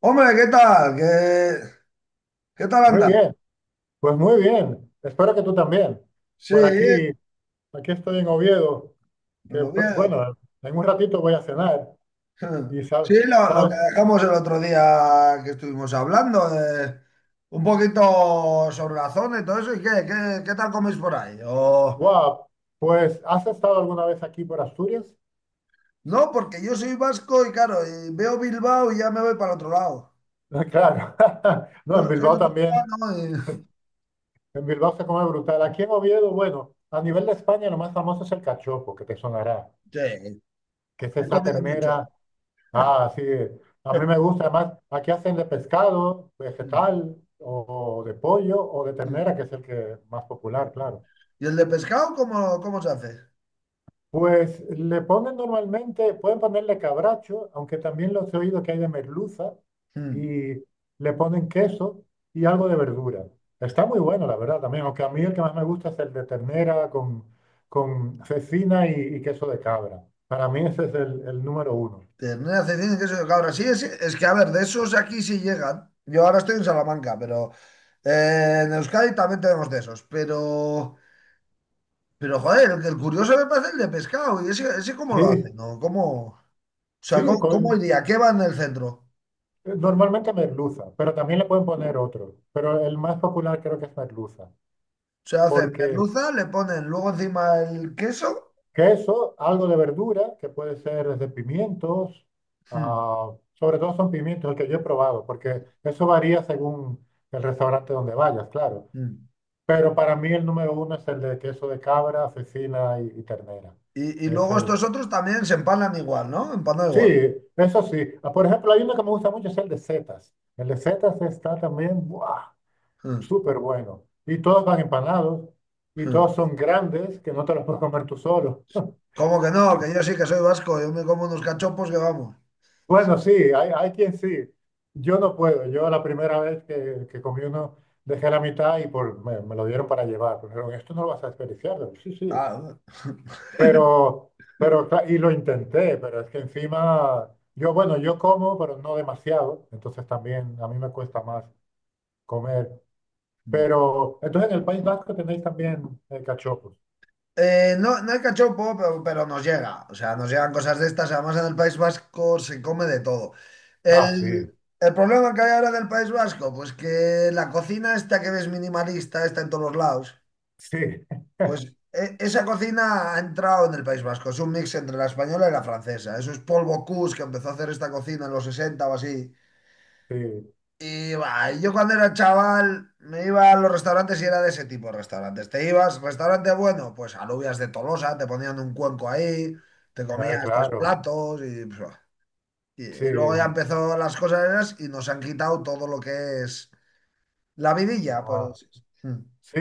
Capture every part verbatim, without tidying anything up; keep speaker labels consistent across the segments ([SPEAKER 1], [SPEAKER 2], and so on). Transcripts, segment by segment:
[SPEAKER 1] Hombre, ¿qué tal? ¿Qué, qué tal
[SPEAKER 2] Muy
[SPEAKER 1] anda?
[SPEAKER 2] bien, pues muy bien. Espero que tú también.
[SPEAKER 1] Sí,
[SPEAKER 2] Por aquí, aquí estoy en Oviedo, que
[SPEAKER 1] lo
[SPEAKER 2] pr-
[SPEAKER 1] veo.
[SPEAKER 2] bueno, en un ratito voy a cenar y sabes,
[SPEAKER 1] Sí, lo, lo que
[SPEAKER 2] sabes,
[SPEAKER 1] dejamos el otro día que estuvimos hablando, de un poquito sobre la zona y todo eso. ¿Y qué, qué, qué tal coméis por ahí? O,
[SPEAKER 2] wow, pues ¿has estado alguna vez aquí por Asturias?
[SPEAKER 1] no, porque yo soy vasco y claro, y veo Bilbao y ya me voy para el otro lado.
[SPEAKER 2] Claro, no, en
[SPEAKER 1] Yo soy
[SPEAKER 2] Bilbao también,
[SPEAKER 1] guipuzcoano y...
[SPEAKER 2] en Bilbao se come brutal. Aquí en Oviedo, bueno, a nivel de España lo más famoso es el cachopo, que te sonará,
[SPEAKER 1] Sí,
[SPEAKER 2] que es
[SPEAKER 1] he
[SPEAKER 2] esa
[SPEAKER 1] comido mucho.
[SPEAKER 2] ternera. Ah, sí. A mí me gusta. Además, aquí hacen de pescado, vegetal, o, de pollo, o de ternera, que es el que más popular, claro.
[SPEAKER 1] ¿Y el de pescado cómo, cómo se hace?
[SPEAKER 2] Pues le ponen normalmente, pueden ponerle cabracho, aunque también los he oído que hay de merluza,
[SPEAKER 1] Mm.
[SPEAKER 2] y le ponen queso y algo de verdura. Está muy bueno, la verdad, también. Aunque a mí el que más me gusta es el de ternera con, con cecina y, y queso de cabra. Para mí ese es el, el número uno.
[SPEAKER 1] Ternera, cecina, queso de cabra. Sí, es, es que, a ver, de esos aquí sí llegan. Yo ahora estoy en Salamanca, pero eh, en Euskadi también tenemos de esos. Pero, pero joder, el, el curioso me parece el de pescado. ¿Y ese, ese cómo
[SPEAKER 2] Sí,
[SPEAKER 1] lo hacen? ¿No? ¿Cómo, ¿o sea,
[SPEAKER 2] sí,
[SPEAKER 1] ¿cómo, cómo
[SPEAKER 2] con-
[SPEAKER 1] iría? ¿Qué va en el centro?
[SPEAKER 2] normalmente merluza, pero también le pueden poner otro. Pero el más popular creo que es merluza.
[SPEAKER 1] Se hacen
[SPEAKER 2] Porque
[SPEAKER 1] merluza, le ponen luego encima el queso.
[SPEAKER 2] queso, algo de verdura, que puede ser desde pimientos,
[SPEAKER 1] Mm,
[SPEAKER 2] ah, sobre todo son pimientos, el que yo he probado, porque eso varía según el restaurante donde vayas, claro.
[SPEAKER 1] mm.
[SPEAKER 2] Pero para mí el número uno es el de queso de cabra, cecina y, y ternera.
[SPEAKER 1] Y, y
[SPEAKER 2] Es
[SPEAKER 1] luego estos
[SPEAKER 2] el...
[SPEAKER 1] otros también se empanan igual, ¿no? Empanan
[SPEAKER 2] Sí,
[SPEAKER 1] igual.
[SPEAKER 2] eso sí. Ah, por ejemplo, hay uno que me gusta mucho, es el de setas. El de setas está también... ¡buah!
[SPEAKER 1] Mm,
[SPEAKER 2] Súper bueno. Y todos van empanados y
[SPEAKER 1] mm.
[SPEAKER 2] todos son grandes que no te los puedes comer tú solo.
[SPEAKER 1] ¿Cómo que no? Que yo sí que soy vasco. Yo me como unos cachopos que vamos.
[SPEAKER 2] Bueno, sí, hay, hay quien sí. Yo no puedo. Yo la primera vez que, que comí uno dejé la mitad y por, me, me lo dieron para llevar. Pero dijeron, esto no lo vas a desperdiciar. Digo, sí, sí.
[SPEAKER 1] Ah.
[SPEAKER 2] Pero, pero, cla- y lo intenté, pero es que encima, yo, bueno, yo como, pero no demasiado. Entonces también a mí me cuesta más comer.
[SPEAKER 1] Mm.
[SPEAKER 2] Pero, entonces en el País Vasco tenéis también, eh, cachopos.
[SPEAKER 1] Eh, no, no hay cachopo pero, pero nos llega. O sea, nos llegan cosas de estas. Además, en el País Vasco se come de todo.
[SPEAKER 2] Ah, sí,
[SPEAKER 1] El, el problema que hay ahora del País Vasco, pues que la cocina esta que ves minimalista, está en todos los lados,
[SPEAKER 2] sí.
[SPEAKER 1] pues e- esa cocina ha entrado en el País Vasco. Es un mix entre la española y la francesa. Eso es Paul Bocuse, que empezó a hacer esta cocina en los sesenta o así.
[SPEAKER 2] Sí,
[SPEAKER 1] Y bah, yo cuando era chaval me iba a los restaurantes y era de ese tipo de restaurantes. Te ibas, restaurante bueno, pues alubias de Tolosa, te ponían un cuenco ahí, te
[SPEAKER 2] ah,
[SPEAKER 1] comías tres
[SPEAKER 2] claro,
[SPEAKER 1] platos y, pues, bah. y,
[SPEAKER 2] sí,
[SPEAKER 1] y luego ya
[SPEAKER 2] y-
[SPEAKER 1] empezó las cosas esas y nos han quitado todo lo que es la vidilla,
[SPEAKER 2] ah,
[SPEAKER 1] pues. Mm,
[SPEAKER 2] sí,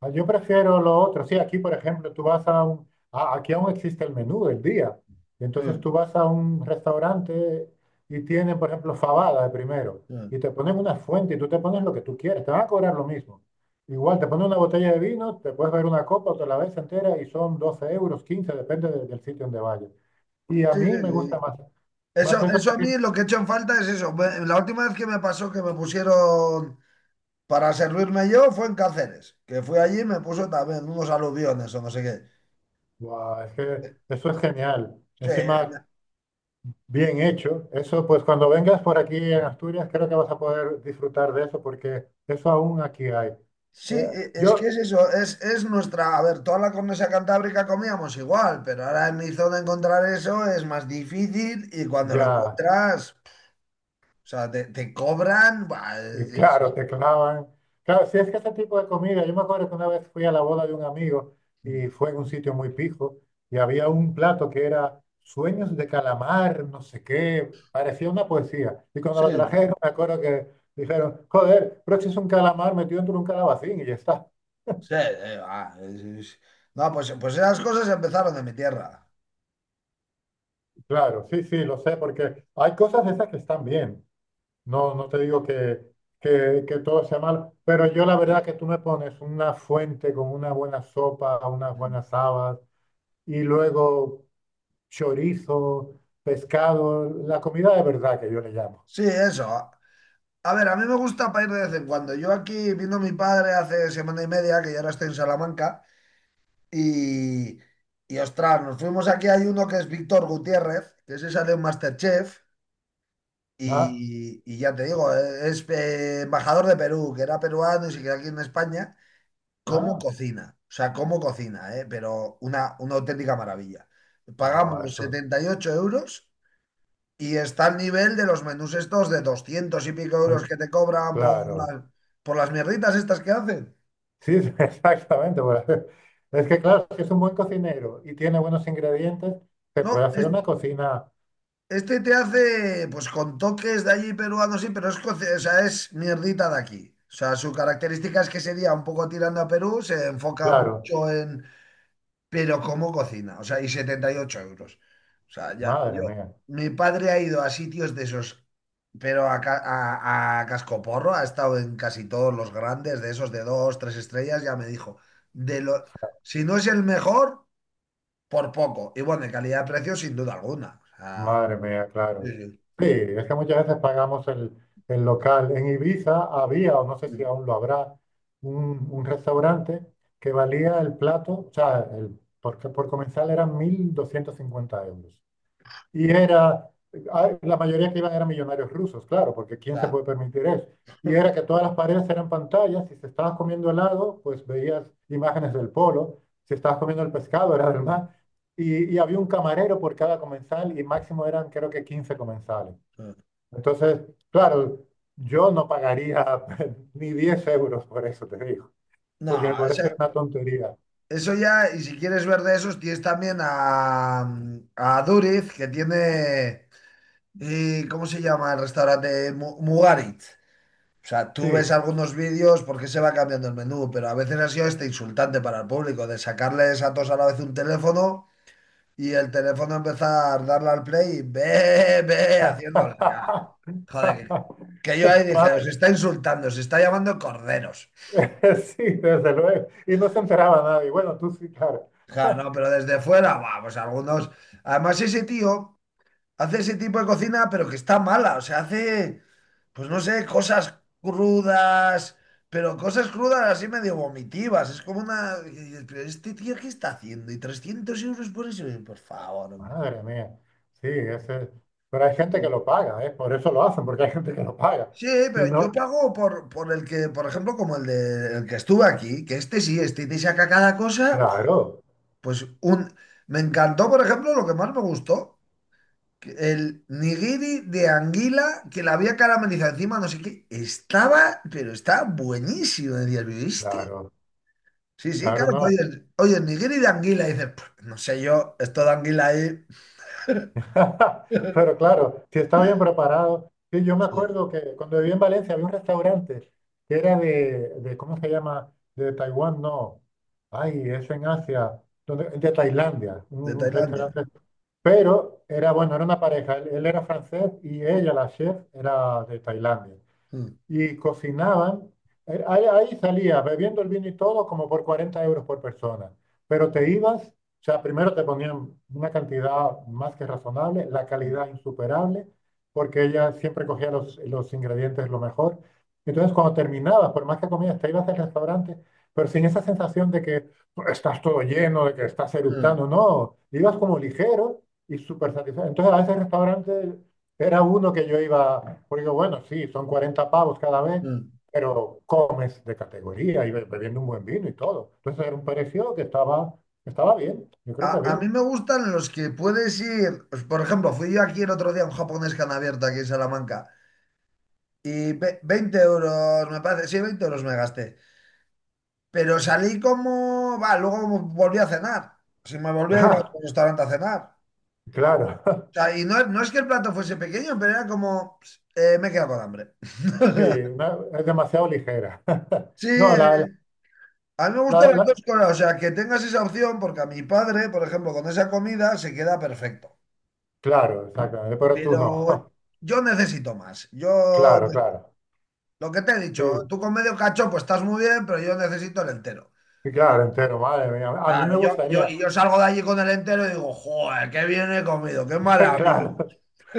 [SPEAKER 2] ah, yo prefiero lo otro. Sí, aquí, por ejemplo, tú vas a un, a- aquí aún existe el menú del día. Entonces tú
[SPEAKER 1] mm,
[SPEAKER 2] vas a un restaurante y tienen, por ejemplo, fabada de primero
[SPEAKER 1] mm.
[SPEAKER 2] y te ponen una fuente y tú te pones lo que tú quieres, te van a cobrar lo mismo. Igual te ponen una botella de vino, te puedes ver una copa o te la ves entera y son doce euros, quince depende de- del sitio donde vayas. Y a
[SPEAKER 1] Sí, sí,
[SPEAKER 2] mí me gusta
[SPEAKER 1] sí.
[SPEAKER 2] más, más
[SPEAKER 1] Eso,
[SPEAKER 2] eso
[SPEAKER 1] eso a
[SPEAKER 2] porque,
[SPEAKER 1] mí lo que he hecho en falta es eso. Me- La última vez que me pasó que me pusieron para servirme yo fue en Cáceres, que fui allí y me puso también unos aluviones o no sé qué.
[SPEAKER 2] guau, es que eso es genial.
[SPEAKER 1] Sí,
[SPEAKER 2] Encima bien hecho. Eso, pues cuando vengas por aquí en Asturias, creo que vas a poder disfrutar de eso porque eso aún aquí hay.
[SPEAKER 1] sí,
[SPEAKER 2] Eh,
[SPEAKER 1] e, es que
[SPEAKER 2] yo,
[SPEAKER 1] es eso, es, es nuestra, a ver, toda la cornisa cantábrica comíamos igual, pero ahora en mi zona encontrar eso es más difícil y cuando lo
[SPEAKER 2] ya,
[SPEAKER 1] encuentras, o sea, te, te cobran, buah, es-
[SPEAKER 2] eh,
[SPEAKER 1] es-
[SPEAKER 2] claro,
[SPEAKER 1] es-
[SPEAKER 2] te clavan. Claro, si es que ese tipo de comida, yo me acuerdo que una vez fui a la boda de un amigo y fue en un sitio muy pijo y había un plato que era sueños de calamar, no sé qué, parecía una poesía. Y cuando lo
[SPEAKER 1] sí,
[SPEAKER 2] trajeron, me acuerdo que dijeron, joder, pero si es un calamar metido dentro de un calabacín y ya está.
[SPEAKER 1] sí, eh, va, es- es- no, pues, pues esas cosas empezaron de mi tierra.
[SPEAKER 2] Claro, sí, sí, lo sé, porque hay cosas de esas que están bien. No, no te digo que, que, que todo sea mal, pero yo la verdad que tú me pones una fuente con una buena sopa, unas
[SPEAKER 1] Mm.
[SPEAKER 2] buenas habas y luego chorizo, pescado, la comida de verdad que yo le llamo.
[SPEAKER 1] Sí, eso. A ver, a mí me gusta para ir de vez en cuando. Yo aquí vino mi padre hace semana y media, que yo ahora estoy en Salamanca. Y, y ostras, nos fuimos aquí, hay uno que es Víctor Gutiérrez, que ese sale en MasterChef,
[SPEAKER 2] Ah,
[SPEAKER 1] y, y ya te digo, eh, es eh, embajador de Perú, que era peruano y se quedó aquí en España. ¿Cómo
[SPEAKER 2] ah,
[SPEAKER 1] cocina? O sea, cómo cocina, ¿eh? Pero una, una auténtica maravilla.
[SPEAKER 2] buah,
[SPEAKER 1] Pagamos
[SPEAKER 2] eso,
[SPEAKER 1] setenta y ocho euros y está al nivel de los menús estos de doscientos y pico
[SPEAKER 2] eh,
[SPEAKER 1] euros que te cobran por
[SPEAKER 2] claro.
[SPEAKER 1] las, por las mierditas estas que hacen.
[SPEAKER 2] Sí, sí, exactamente. Bueno, es que claro, si es un buen cocinero y tiene buenos ingredientes, se puede
[SPEAKER 1] No,
[SPEAKER 2] hacer
[SPEAKER 1] es
[SPEAKER 2] una cocina,
[SPEAKER 1] Este te hace, pues, con toques de allí peruanos, sí, pero es, coce- o sea, es mierdita de aquí. O sea, su característica es que sería un poco tirando a Perú, se enfoca
[SPEAKER 2] claro,
[SPEAKER 1] mucho en, pero cómo cocina, o sea, y setenta y ocho euros. O sea, ya, yo,
[SPEAKER 2] madre mía.
[SPEAKER 1] mi padre ha ido a sitios de esos, pero a, ca- a, a cascoporro, ha estado en casi todos los grandes, de esos de dos, tres estrellas, ya me dijo, de lo, si no es el mejor, por poco. Y bueno, de calidad de precio, sin duda alguna. O sea,
[SPEAKER 2] Madre mía, claro.
[SPEAKER 1] sí,
[SPEAKER 2] Sí, es que muchas veces pagamos el, el, local. En Ibiza había, o no sé si
[SPEAKER 1] sí.
[SPEAKER 2] aún lo habrá, un, un restaurante que valía el plato, o sea, el, por, por comensal eran mil doscientos cincuenta euros. Y era, ah, la mayoría que iban eran millonarios rusos, claro, porque ¿quién se
[SPEAKER 1] sea,
[SPEAKER 2] puede permitir eso? Y era que todas las paredes eran pantallas, si se estabas comiendo helado, pues veías imágenes del polo, si estabas comiendo el pescado, era del mar, y, y había un camarero por cada comensal y máximo eran creo que quince comensales. Entonces, claro, yo no pagaría ni diez euros por eso, te digo,
[SPEAKER 1] no,
[SPEAKER 2] porque me
[SPEAKER 1] o
[SPEAKER 2] parece
[SPEAKER 1] sea,
[SPEAKER 2] una tontería.
[SPEAKER 1] eso ya, y si quieres ver de esos, tienes también a, a Duriz, que tiene, eh, ¿cómo se llama el restaurante? Mu- Mugarit. O sea, tú ves
[SPEAKER 2] Sí.
[SPEAKER 1] algunos vídeos porque se va cambiando el menú, pero a veces ha sido este insultante para el público, de sacarles a todos a la vez un teléfono y el teléfono empezar a darle al play y ve, ve, haciéndoles. Ga. Joder, que que yo ahí dije,
[SPEAKER 2] Más.
[SPEAKER 1] os está insultando, os está llamando corderos.
[SPEAKER 2] Sí, desde luego. Y no se enteraba nadie. Bueno, tú sí, claro.
[SPEAKER 1] Ja, no, pero desde fuera, va, pues algunos. Además, ese tío hace ese tipo de cocina, pero que está mala. O sea, hace, pues no sé, cosas crudas, pero cosas crudas así medio vomitivas. Es como una. Y dices: "Pero Este tío, ¿qué está haciendo?" Y trescientos euros por eso. Por favor, hombre.
[SPEAKER 2] Madre mía. Sí, ese... pero hay gente que
[SPEAKER 1] Sí.
[SPEAKER 2] lo paga, ¿eh? Por eso lo hacen, porque hay gente que lo paga.
[SPEAKER 1] Sí,
[SPEAKER 2] Si
[SPEAKER 1] pero
[SPEAKER 2] no,
[SPEAKER 1] yo pago por, por el que, por ejemplo, como el de el que estuve aquí, que este sí, este te saca cada cosa,
[SPEAKER 2] claro,
[SPEAKER 1] pues un. Me encantó, por ejemplo, lo que más me gustó. que El nigiri de anguila que la había caramelizado encima, no sé qué, estaba, pero estaba buenísimo. Decías, ¿viste?
[SPEAKER 2] claro,
[SPEAKER 1] Sí, sí,
[SPEAKER 2] claro,
[SPEAKER 1] claro, que
[SPEAKER 2] no.
[SPEAKER 1] oyes, oyes, nigiri de anguila y dices: "Puf, no sé yo, esto de anguila ahí."
[SPEAKER 2] Pero claro, si está bien preparado. Sí, yo me
[SPEAKER 1] Sí,
[SPEAKER 2] acuerdo que cuando viví en Valencia había un restaurante que era de, de ¿cómo se llama? De Taiwán, no. Ay, es en Asia, donde, de Tailandia. Un,
[SPEAKER 1] de
[SPEAKER 2] un
[SPEAKER 1] Tailandia.
[SPEAKER 2] restaurante. Pero era, bueno, era una pareja. Él, él era francés y ella, la chef, era de Tailandia
[SPEAKER 1] Mm,
[SPEAKER 2] y cocinaban. eh, Ahí, ahí salías bebiendo el vino y todo como por cuarenta euros por persona. Pero te ibas, o sea, primero te ponían una cantidad más que razonable, la
[SPEAKER 1] mm,
[SPEAKER 2] calidad insuperable, porque ella siempre cogía los, los ingredientes lo mejor. Entonces, cuando terminabas, por más que comías, te ibas al restaurante, pero sin esa sensación de que pues, estás todo lleno, de que estás
[SPEAKER 1] mm,
[SPEAKER 2] eructando, no, ibas como ligero y súper satisfecho. Entonces, a ese restaurante era uno que yo iba porque bueno, sí, son cuarenta pavos cada vez,
[SPEAKER 1] mm.
[SPEAKER 2] pero comes de categoría y be- bebiendo un buen vino y todo. Entonces era un precio que estaba, estaba bien, yo
[SPEAKER 1] A,
[SPEAKER 2] creo que
[SPEAKER 1] a mí
[SPEAKER 2] bien.
[SPEAKER 1] me gustan los que puedes ir, pues, por ejemplo, fui yo aquí el otro día a un japonés que han abierto aquí en Salamanca y ve- veinte euros, me parece, sí, veinte euros me gasté. Pero salí como, va, luego volví a cenar. Si me volví a ir a
[SPEAKER 2] Ah,
[SPEAKER 1] un restaurante a cenar.
[SPEAKER 2] claro,
[SPEAKER 1] O sea, y no, no es que el plato fuese pequeño, pero era como: "Ps, eh, me he quedado con hambre."
[SPEAKER 2] sí, una... es demasiado ligera.
[SPEAKER 1] Sí,
[SPEAKER 2] No,
[SPEAKER 1] eh,
[SPEAKER 2] la, la-
[SPEAKER 1] a mí me gustan
[SPEAKER 2] la-
[SPEAKER 1] las dos
[SPEAKER 2] la-
[SPEAKER 1] cosas. O sea, que tengas esa opción, porque a mi padre, por ejemplo, con esa comida se queda perfecto.
[SPEAKER 2] claro, exactamente, pero tú no.
[SPEAKER 1] Pero yo necesito más. Yo,
[SPEAKER 2] Claro, claro,
[SPEAKER 1] lo que te he dicho,
[SPEAKER 2] sí,
[SPEAKER 1] tú con medio cachopo estás muy bien, pero yo necesito el entero.
[SPEAKER 2] sí, claro,
[SPEAKER 1] Y
[SPEAKER 2] entero, madre mía. A mí
[SPEAKER 1] claro,
[SPEAKER 2] me
[SPEAKER 1] yo, yo, y
[SPEAKER 2] gustaría,
[SPEAKER 1] yo salgo de allí con el entero y digo, joder, qué bien he comido, qué maravilla.
[SPEAKER 2] claro.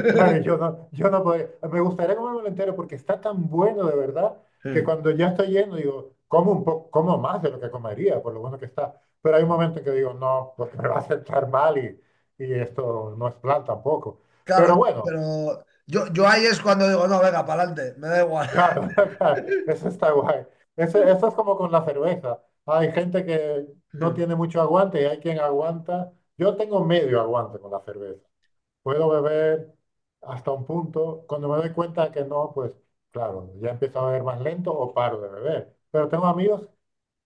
[SPEAKER 2] Claro, yo no, yo no podría. Me gustaría comérmelo entero porque está tan bueno de verdad que cuando ya estoy lleno digo, como un poco, como más de lo que comería, por lo bueno que está. Pero hay un momento en que digo, no, porque me va a sentar mal y, y esto no es plan tampoco.
[SPEAKER 1] Claro,
[SPEAKER 2] Pero bueno,
[SPEAKER 1] pero yo, yo ahí es cuando digo, no, venga, para adelante, me da igual.
[SPEAKER 2] claro, claro, eso está guay. Eso, eso es como con la cerveza. Hay gente que no tiene mucho aguante y hay quien aguanta. Yo tengo medio aguante con la cerveza. Puedo beber hasta un punto. Cuando me doy cuenta que no, pues claro, ya empiezo a beber más lento o paro de beber. Pero tengo amigos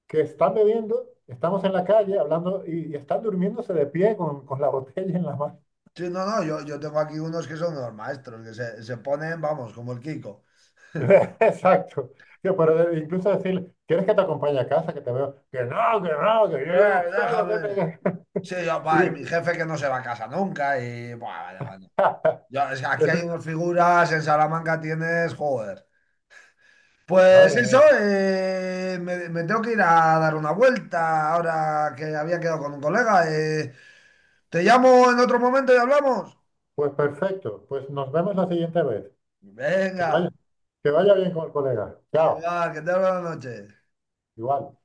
[SPEAKER 2] que están bebiendo, estamos en la calle hablando y, y están durmiéndose de pie con, con, la botella en la mano.
[SPEAKER 1] Sí, no, no, yo, yo tengo aquí unos que son unos maestros, que se, se ponen, vamos, como el Kiko.
[SPEAKER 2] Exacto. Yo, pero de- incluso decir, ¿quieres que te acompañe a casa, que te veo? Que no, que no, que yo llego
[SPEAKER 1] "Eh,
[SPEAKER 2] solo, que
[SPEAKER 1] déjame."
[SPEAKER 2] te...
[SPEAKER 1] Sí, yo,
[SPEAKER 2] Y,
[SPEAKER 1] va, y mi jefe que no se va a casa nunca y, buah, vaya, bueno. Yo, es que aquí
[SPEAKER 2] eso
[SPEAKER 1] hay
[SPEAKER 2] es-
[SPEAKER 1] unas figuras, en Salamanca tienes, joder. Pues
[SPEAKER 2] madre
[SPEAKER 1] eso,
[SPEAKER 2] mía.
[SPEAKER 1] eh, me, me tengo que ir a dar una vuelta ahora que había quedado con un colega. eh. Te llamo en otro momento y hablamos.
[SPEAKER 2] Pues perfecto. Pues nos vemos la siguiente vez. Que
[SPEAKER 1] Venga.
[SPEAKER 2] vaya, que vaya bien con el colega. Chao.
[SPEAKER 1] Igual, que te buenas noches.
[SPEAKER 2] Igual.